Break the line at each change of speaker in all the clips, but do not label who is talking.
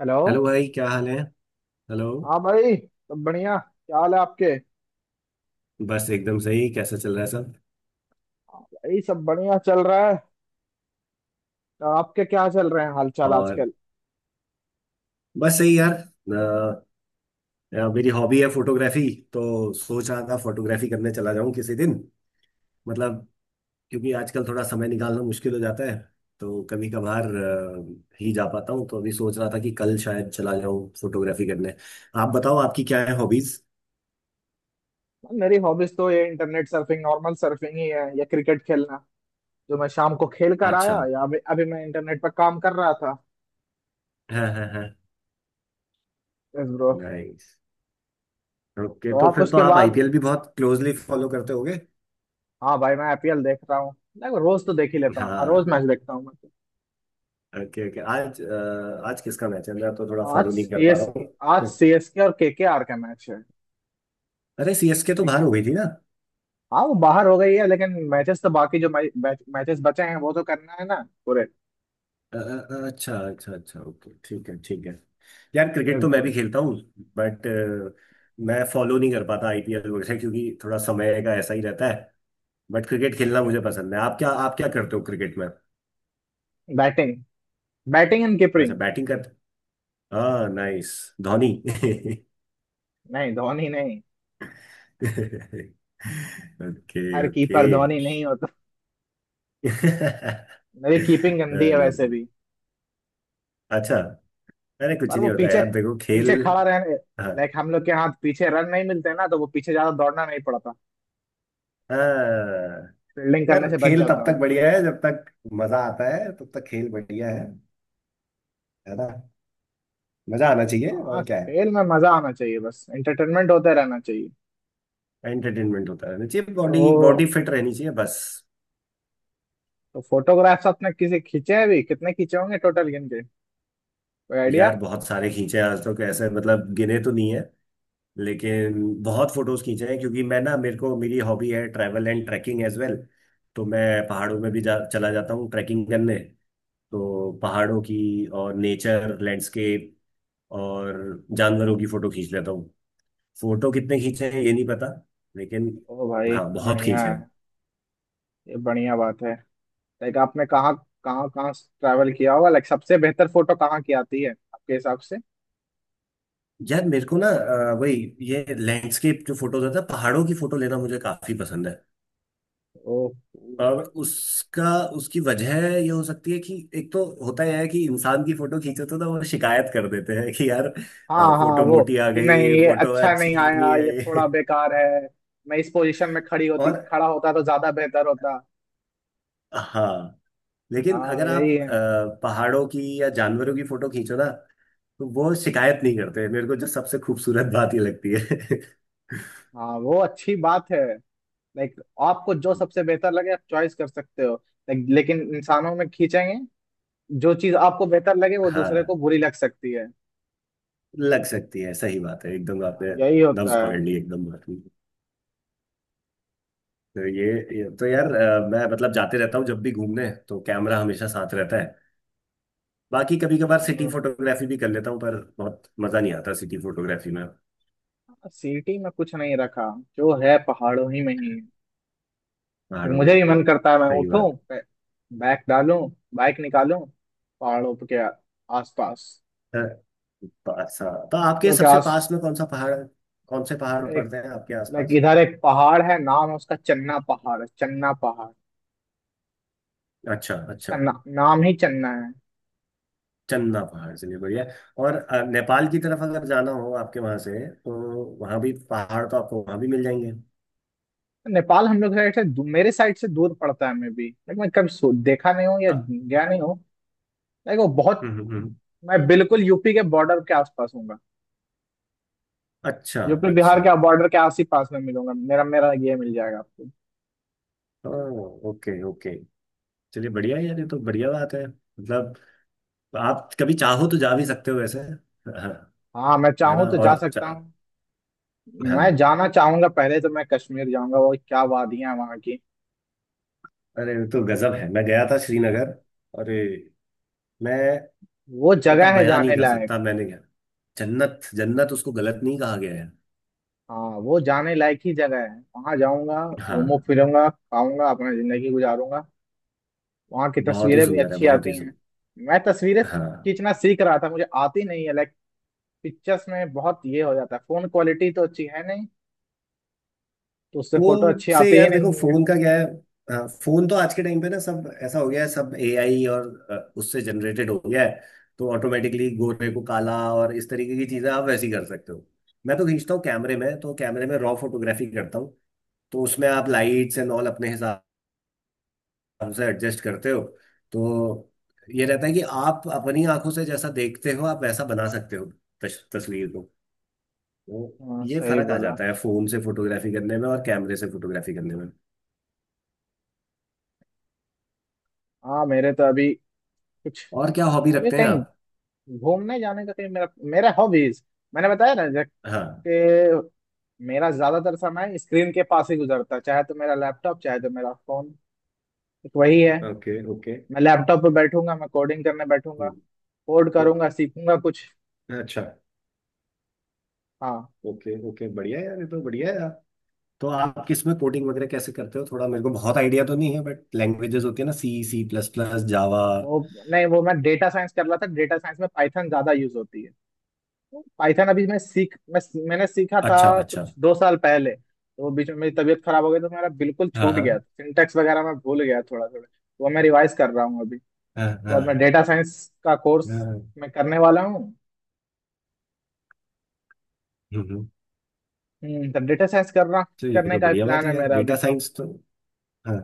Hello.
Hello भाई, क्या हाल है? हेलो।
हाँ भाई, सब बढ़िया। क्या हाल है आपके?
बस एकदम सही। कैसा चल रहा है सब?
हाँ भाई, सब बढ़िया चल रहा है। तो आपके क्या चल रहे हैं हालचाल
और
आजकल?
बस सही यार। मेरी हॉबी है फोटोग्राफी। तो सोच रहा था फोटोग्राफी करने चला जाऊं किसी दिन। मतलब क्योंकि आजकल थोड़ा समय निकालना मुश्किल हो जाता है। तो कभी कभार ही जा पाता हूँ। तो अभी सोच रहा था कि कल शायद चला जाऊं फोटोग्राफी करने। आप बताओ, आपकी क्या है हॉबीज?
मेरी हॉबीज तो ये इंटरनेट सर्फिंग, नॉर्मल सर्फिंग ही है या क्रिकेट खेलना। जो मैं शाम को खेल कर आया,
अच्छा।
या अभी अभी मैं इंटरनेट पर काम कर रहा था।
हाँ हाँ हाँ।
Yes bro.
नाइस। ओके,
तो
तो
आप
फिर तो
उसके
आप
बाद।
आईपीएल भी बहुत क्लोजली फॉलो करते होगे।
हाँ भाई, मैं आईपीएल देख रहा हूँ। नहीं, रोज तो देख ही लेता हूँ। हाँ, रोज
हाँ।
मैच देखता हूँ मैं।
Okay okay. आज आज किसका मैच है? मैं तो थोड़ा
तो आज
फॉलो नहीं कर पा रहा
सीएसके। आज
हूँ।
सीएसके और केकेआर का मैच है।
अरे सीएसके तो बाहर हो गई थी ना।
हाँ, वो बाहर हो गई है, लेकिन मैचेस तो बाकी जो मैचेस बचे हैं वो तो करना है ना। पूरे।
अ, अच्छा अच्छा अच्छा। ओके, ठीक है ठीक है। यार क्रिकेट
यस
तो मैं
ब्रो।
भी खेलता हूँ बट मैं फॉलो नहीं कर पाता आईपीएल वगैरह, क्योंकि थोड़ा समय का ऐसा ही रहता है। बट क्रिकेट खेलना मुझे पसंद है। आप क्या करते हो क्रिकेट में?
बैटिंग। बैटिंग एंड
अच्छा
कीपिंग।
बैटिंग करते। हाँ नाइस। धोनी।
नहीं, धोनी नहीं।
ओके
हर
ओके।
कीपर धोनी नहीं होता। मेरी कीपिंग गंदी है
अरे,
वैसे भी।
अच्छा। अरे कुछ
पर वो
नहीं होता
पीछे।
यार, देखो खेल।
पीछे खड़ा रहने।
हाँ
लाइक हम लोग के हाथ पीछे रन नहीं मिलते ना, तो वो पीछे ज्यादा दौड़ना नहीं पड़ता।
हाँ।
फील्डिंग करने
यार
से बच
खेल
जाता
तब तक
हूँ।
बढ़िया है जब तक मजा आता है, तब तक खेल बढ़िया है। है ना? मजा आना चाहिए,
हाँ,
और क्या है।
खेल में मजा आना चाहिए, बस एंटरटेनमेंट होते रहना चाहिए।
एंटरटेनमेंट होता रहना चाहिए, बॉडी बॉडी
तो।
फिट रहनी चाहिए बस।
तो फोटोग्राफ्स आपने किसी खींचे हैं भी, कितने खींचे होंगे टोटल गिन के? कोई आइडिया?
यार बहुत सारे खींचे हैं आज तो। कैसे मतलब, गिने तो नहीं है लेकिन बहुत फोटोज खींचे हैं। क्योंकि मैं ना, मेरे को मेरी हॉबी है travel and trekking as well. तो मैं पहाड़ों में भी चला जाता हूँ ट्रैकिंग करने। तो पहाड़ों की और नेचर लैंडस्केप और जानवरों की फोटो खींच लेता हूँ। फोटो कितने खींचे हैं ये नहीं पता, लेकिन
ओ भाई।
हाँ बहुत
बढ़िया
खींचे
है।
हैं।
ये बढ़िया बात है। लाइक आपने कहाँ। कहाँ कहाँ ट्रैवल किया होगा, लाइक सबसे बेहतर फोटो कहाँ की आती है आपके हिसाब से?
यार मेरे को ना वही ये लैंडस्केप जो फोटोज होता है, पहाड़ों की फोटो लेना मुझे काफी पसंद है।
ओ।
और उसका उसकी वजह ये हो सकती है कि एक तो होता यह है कि इंसान की फोटो खींचो तो ना, वो शिकायत कर देते हैं कि यार
हाँ हाँ,
फोटो
वो।
मोटी आ
कि नहीं,
गई,
ये
फोटो
अच्छा नहीं
अच्छी
आया,
नहीं
ये
आई।
थोड़ा बेकार है। मैं इस पोजीशन में खड़ी होती,
और
खड़ा होता तो ज्यादा बेहतर होता।
हाँ, लेकिन
हाँ,
अगर आप
यही है।
पहाड़ों की या जानवरों की फोटो खींचो ना, तो वो शिकायत नहीं करते। मेरे को जो सबसे खूबसूरत बात ये लगती है।
हाँ, वो अच्छी बात है। लाइक आपको जो सबसे बेहतर लगे, आप चॉइस कर सकते हो। लाइक लेकिन इंसानों में खींचेंगे। जो चीज आपको बेहतर लगे, वो दूसरे को
हाँ
बुरी लग सकती है।
लग सकती है, सही बात है, एकदम
हाँ,
आपने
यही होता
नब्ज
है।
पकड़ ली एकदम बात की। तो ये, ये तो यार मैं मतलब जाते रहता हूँ, जब भी घूमने तो कैमरा हमेशा साथ रहता है। बाकी कभी कभार सिटी
हाँ।
फोटोग्राफी भी कर लेता हूँ, पर बहुत मजा नहीं आता सिटी फोटोग्राफी में।
सिटी में कुछ नहीं रखा। जो है पहाड़ों ही में ही है। लेकिन
पहाड़ों
मुझे
में
भी मन करता है मैं
सही
उठूं
बात
बैग डालूं। बाइक निकालूं। पहाड़ों के। आसपास।
है। अच्छा, तो
हम
आपके
लोग के
सबसे
आस।
पास में कौन सा पहाड़ है? कौन से पहाड़
एक।
पड़ते हैं आपके
लाइक
आसपास?
इधर एक पहाड़ है, नाम है उसका चन्ना पहाड़, चन्ना पहाड़।
अच्छा अच्छा।
उसका ना, नाम ही चन्ना है।
चंदा पहाड़, चलिए बढ़िया है। और नेपाल की तरफ अगर जाना हो आपके वहां से, तो वहां भी पहाड़ तो आपको वहां भी मिल जाएंगे।
नेपाल हम लोग साइड से मेरे साइड से दूर पड़ता है, मैं भी लेकिन मैं कभी देखा नहीं हूँ या
अ।
गया नहीं हूँ। लेकिन वो बहुत।
हम्म हम्म, हम्म।
मैं बिल्कुल यूपी के बॉर्डर के आसपास हूँ।
अच्छा
यूपी बिहार
अच्छा।
के बॉर्डर के आस ही पास में मिलूंगा। मेरा मेरा ये मिल जाएगा आपको।
ओ, ओके ओके। चलिए बढ़िया है यार, ये तो बढ़िया बात है। मतलब आप कभी चाहो तो जा भी सकते हो वैसे। हाँ,
हाँ, मैं
है
चाहूँ
ना?
तो जा
और
सकता
चा-,
हूँ।
हाँ।
मैं जाना चाहूंगा, पहले तो मैं कश्मीर जाऊंगा। वो क्या वादियां हैं वहाँ की!
अरे ये तो गजब है, मैं गया था श्रीनगर। अरे मैं
वो जगह
मतलब
है
बयान नहीं
जाने
कर
लायक।
सकता मैंने क्या। जन्नत जन्नत उसको गलत नहीं कहा गया है।
हाँ, वो जाने लायक ही जगह है, वहां जाऊंगा। घूमू
हाँ
फिरूंगा, खाऊंगा, अपना जिंदगी गुजारूंगा। वहाँ की
बहुत ही
तस्वीरें भी
सुंदर है,
अच्छी
बहुत ही
आती हैं।
सुंदर।
मैं तस्वीरें
हाँ
खींचना सीख रहा था, मुझे आती नहीं है लाइक। पिक्चर्स में बहुत ये हो जाता है, फोन क्वालिटी तो अच्छी है नहीं। तो उससे फोटो
फोन
अच्छी
से,
आती ही
यार देखो
नहीं है।
फोन का क्या है। हाँ फोन तो आज के टाइम पे ना सब ऐसा हो गया है, सब एआई और उससे जनरेटेड हो गया है। तो ऑटोमेटिकली गोरे को काला और इस तरीके की चीजें आप वैसी कर सकते हो। मैं तो खींचता हूँ कैमरे में, तो कैमरे में रॉ फोटोग्राफी करता हूँ। तो उसमें आप लाइट्स एंड ऑल अपने हिसाब से एडजस्ट करते हो। तो ये रहता है कि आप अपनी आंखों से जैसा देखते हो आप वैसा बना सकते हो तस्वीर। तो
हाँ,
ये
सही
फर्क आ
बोला।
जाता है फोन से फोटोग्राफी करने में और कैमरे से फोटोग्राफी करने में।
हाँ, मेरे तो अभी। कुछ।
और क्या हॉबी
अभी
रखते हैं
कहीं।
आप?
घूमने जाने का कहीं मेरा। मेरा हॉबीज। मैंने बताया ना जब।
हाँ।
कि। मेरा ज्यादातर समय स्क्रीन के पास ही गुजरता है, चाहे तो मेरा लैपटॉप, चाहे तो मेरा फोन। एक वही है।
Okay okay.
मैं लैपटॉप पे बैठूंगा, मैं कोडिंग करने बैठूंगा।
हम्म।
कोड
तो
करूंगा, सीखूंगा कुछ।
अच्छा।
हाँ।
ओके ओके बढ़िया है यार, ये तो बढ़िया है यार। तो आप किसमें कोडिंग वगैरह कैसे करते हो? थोड़ा मेरे को बहुत आइडिया तो नहीं है, बट लैंग्वेजेस होती है ना, C C plus plus Java.
वो। नहीं, वो मैं डेटा साइंस कर रहा था, डेटा साइंस में पाइथन ज्यादा यूज होती है। पाइथन अभी मैं सीख मैं। मैंने सीखा था
अच्छा अच्छा।
कुछ 2 साल पहले, तो बीच में मेरी तबीयत खराब हो गई, तो मेरा बिल्कुल
हाँ
छूट गया था,
हाँ।
सिंटेक्स वगैरह मैं भूल गया थोड़ा थोड़ा। वो मैं रिवाइज कर रहा हूँ अभी।
हाँ
उसके
हाँ
बाद मैं
हाँ,
डेटा साइंस। का कोर्स।
हम्म।
मैं करने वाला हूँ।
हम्म।
तो डेटा साइंस करना।
तो ये
करने
तो
का
बढ़िया बात
प्लान है
है यार,
मेरा अभी
डेटा
तो।
साइंस तो। हाँ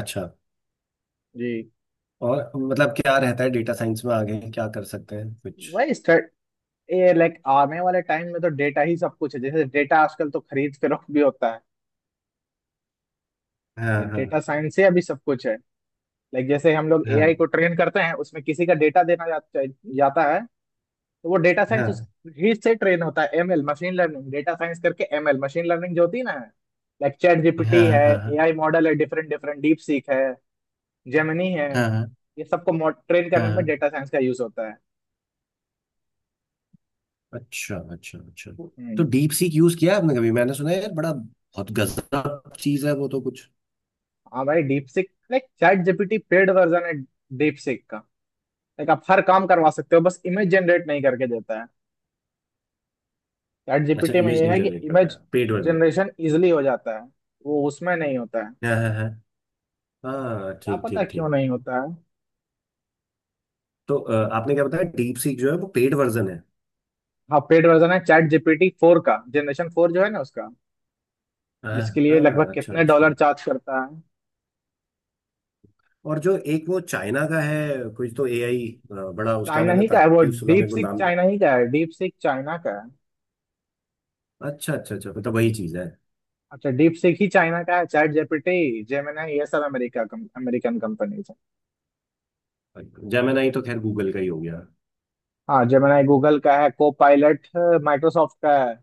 अच्छा।
जी।
और मतलब क्या रहता है डेटा साइंस में, आगे क्या कर सकते हैं कुछ?
वही स्टार्ट। ये लाइक आने वाले टाइम में तो डेटा ही सब कुछ है, जैसे डेटा आजकल तो खरीद फरोख्त भी होता है।
हाँ
तो
हाँ।
डेटा साइंस से अभी सब कुछ है। लाइक जैसे हम लोग
हाँ
एआई को ट्रेन करते हैं, उसमें किसी का डेटा देना जाता है। तो वो डेटा साइंस।
हाँ।
ही से ट्रेन होता है, ML machine learning, data science करके एमएल मशीन लर्निंग जो होती है ना। लाइक चैट जीपीटी
हाँ
है।
हाँ।
एआई मॉडल है डिफरेंट डिफरेंट, डीप सीख है। जेमिनी है।
हाँ
ये सबको ट्रेन
हाँ
करने में
हाँ,
डेटा साइंस का यूज होता है।
अच्छा अच्छा अच्छा। तो
हम्म।
डीप सीक यूज किया है आपने कभी? मैंने सुना है यार, बड़ा बहुत गजब चीज है वो तो कुछ।
हाँ भाई, DeepSeek like ChatGPT paid version है। डीप सीख का। लाइक आप हर काम करवा सकते हो, बस इमेज जनरेट नहीं करके देता है। चैट
अच्छा,
जीपीटी में
इमेज
ये
नहीं
है कि
जनरेट करता
इमेज।
है पेड वर्जन।
जनरेशन इजिली हो जाता है। वो उसमें नहीं होता है।
हाँ हाँ हाँ। हाँ
क्या
ठीक
पता
ठीक
क्यों
ठीक।
नहीं होता है।
तो आपने क्या बताया, डीप सीक जो है वो पेड वर्जन है।
हाँ, पेड वर्जन है चैट जीपीटी 4 का, जनरेशन 4 जो है ना उसका।
हाँ
जिसके लिए लगभग
हाँ, अच्छा
कितने
अच्छा।
डॉलर चार्ज करता है।
और जो एक वो चाइना का है कुछ, तो एआई बड़ा उसका
चाइना
मैंने
ही का है वो।
तारीफ सुना,
डीप
मेरे को
सीक
नाम।
चाइना ही का है, डीप सीक चाइना का है।
अच्छा अच्छा अच्छा, मतलब वही चीज है।
अच्छा, डीप सीक ही चाइना का है, चैट जीपीटी जेमिनाई ये सब अमेरिकन कंपनीज है।
जेमिनाई तो खैर गूगल का ही हो गया।
हाँ, जेमिनाई गूगल का है। Copilot. माइक्रोसॉफ्ट का है।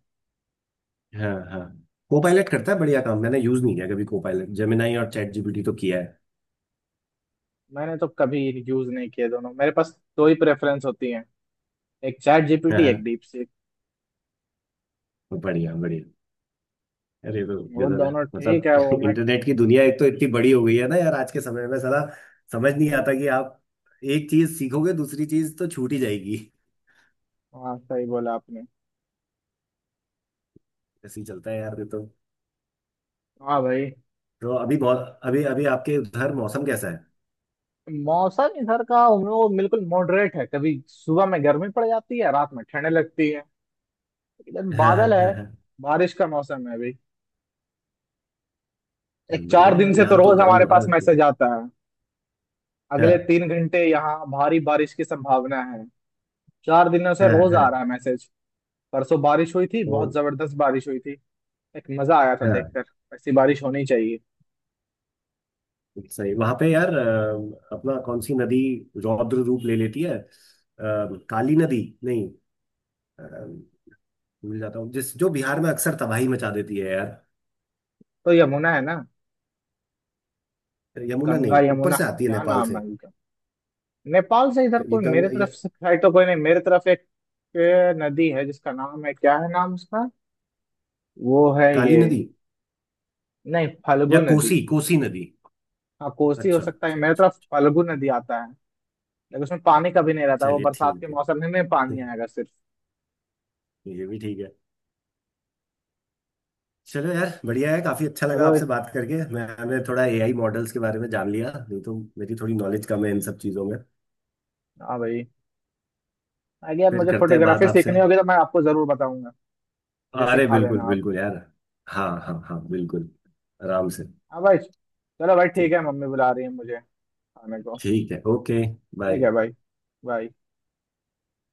हाँ हाँ। को पायलट करता है बढ़िया काम। मैंने यूज नहीं किया कभी को पायलट, जेमिनाई और चैट जीपीटी तो किया है।
मैंने तो कभी। यूज नहीं किया दोनों, मेरे पास दो ही प्रेफरेंस होती है। एक चैट
हाँ
जीपीटी, एक
हाँ,
डीप सीक।
बढ़िया बढ़िया। अरे ये तो
वो
गजब है,
दोनों ठीक है वो
मतलब
मैं।
इंटरनेट की दुनिया एक तो इतनी बड़ी हो गई है ना यार आज के समय में, साला समझ नहीं आता कि आप एक चीज सीखोगे दूसरी चीज तो छूट ही जाएगी।
हाँ, सही बोला आपने।
ऐसे ही चलता है यार ये तो।
हाँ भाई।
तो अभी बहुत अभी अभी आपके उधर मौसम कैसा है?
मौसम इधर का उन लोगों को बिल्कुल मॉडरेट है, कभी सुबह में गर्मी पड़ जाती है, रात में ठंड लगती है। इधर
हाँ हाँ
बादल
हाँ
है।
हाँ।
बारिश का मौसम है अभी। एक
बढ़िया
चार
है
दिन
यार,
से तो
यहाँ तो
रोज
गर्म
हमारे
हो रहा
पास
है तो।
मैसेज आता है। अगले
हाँ
3 घंटे यहाँ भारी बारिश की संभावना है। 4 दिनों से
हाँ
रोज आ रहा
हाँ।
है मैसेज। परसों बारिश हुई थी,
तो
बहुत जबरदस्त बारिश हुई थी। एक मजा आया था
हाँ
देखकर। ऐसी बारिश होनी चाहिए।
सही। वहां पे यार अपना कौन सी नदी रौद्र रूप ले लेती है? काली नदी नहीं, अ, भूल जाता हूँ, जिस जो बिहार में अक्सर तबाही मचा देती है यार।
तो यमुना है ना।
यमुना
गंगा
नहीं, ऊपर
यमुना।
से आती है
क्या
नेपाल
नाम
से।
है? नेपाल से इधर
ये
कोई
गंग
मेरे
या,
तरफ से है तो कोई नहीं मेरे तरफ एक। एक नदी है जिसका नाम है, क्या है नाम उसका। वो है
काली
ये।
नदी
नहीं, फल्गु
या
नदी।
कोसी, कोसी नदी।
हाँ, कोसी हो
अच्छा
सकता है,
अच्छा
मेरे तरफ
अच्छा।
फल्गु नदी आता है। लेकिन उसमें पानी कभी नहीं रहता, वो
चलिए
बरसात
ठीक
के मौसम में
है।
पानी आएगा सिर्फ।
ये भी ठीक है। चलो यार बढ़िया है, काफी अच्छा लगा
चलो।
आपसे बात करके। मैंने थोड़ा एआई मॉडल्स के बारे में जान लिया, नहीं तो मेरी थोड़ी नॉलेज कम है इन सब चीजों में।
हाँ भाई। आगे यार
फिर
मुझे
करते हैं बात
फोटोग्राफी
आपसे।
सीखनी होगी तो मैं आपको जरूर बताऊंगा। मुझे
अरे
सिखा
बिल्कुल
देना आप।
बिल्कुल यार। हाँ हाँ हाँ बिल्कुल, आराम से।
हाँ भाई। चलो भाई,
ठीक,
ठीक है, मम्मी बुला रही है मुझे। खाने को।
ठीक है ओके।
ठीक
बाय।
है भाई। बाय।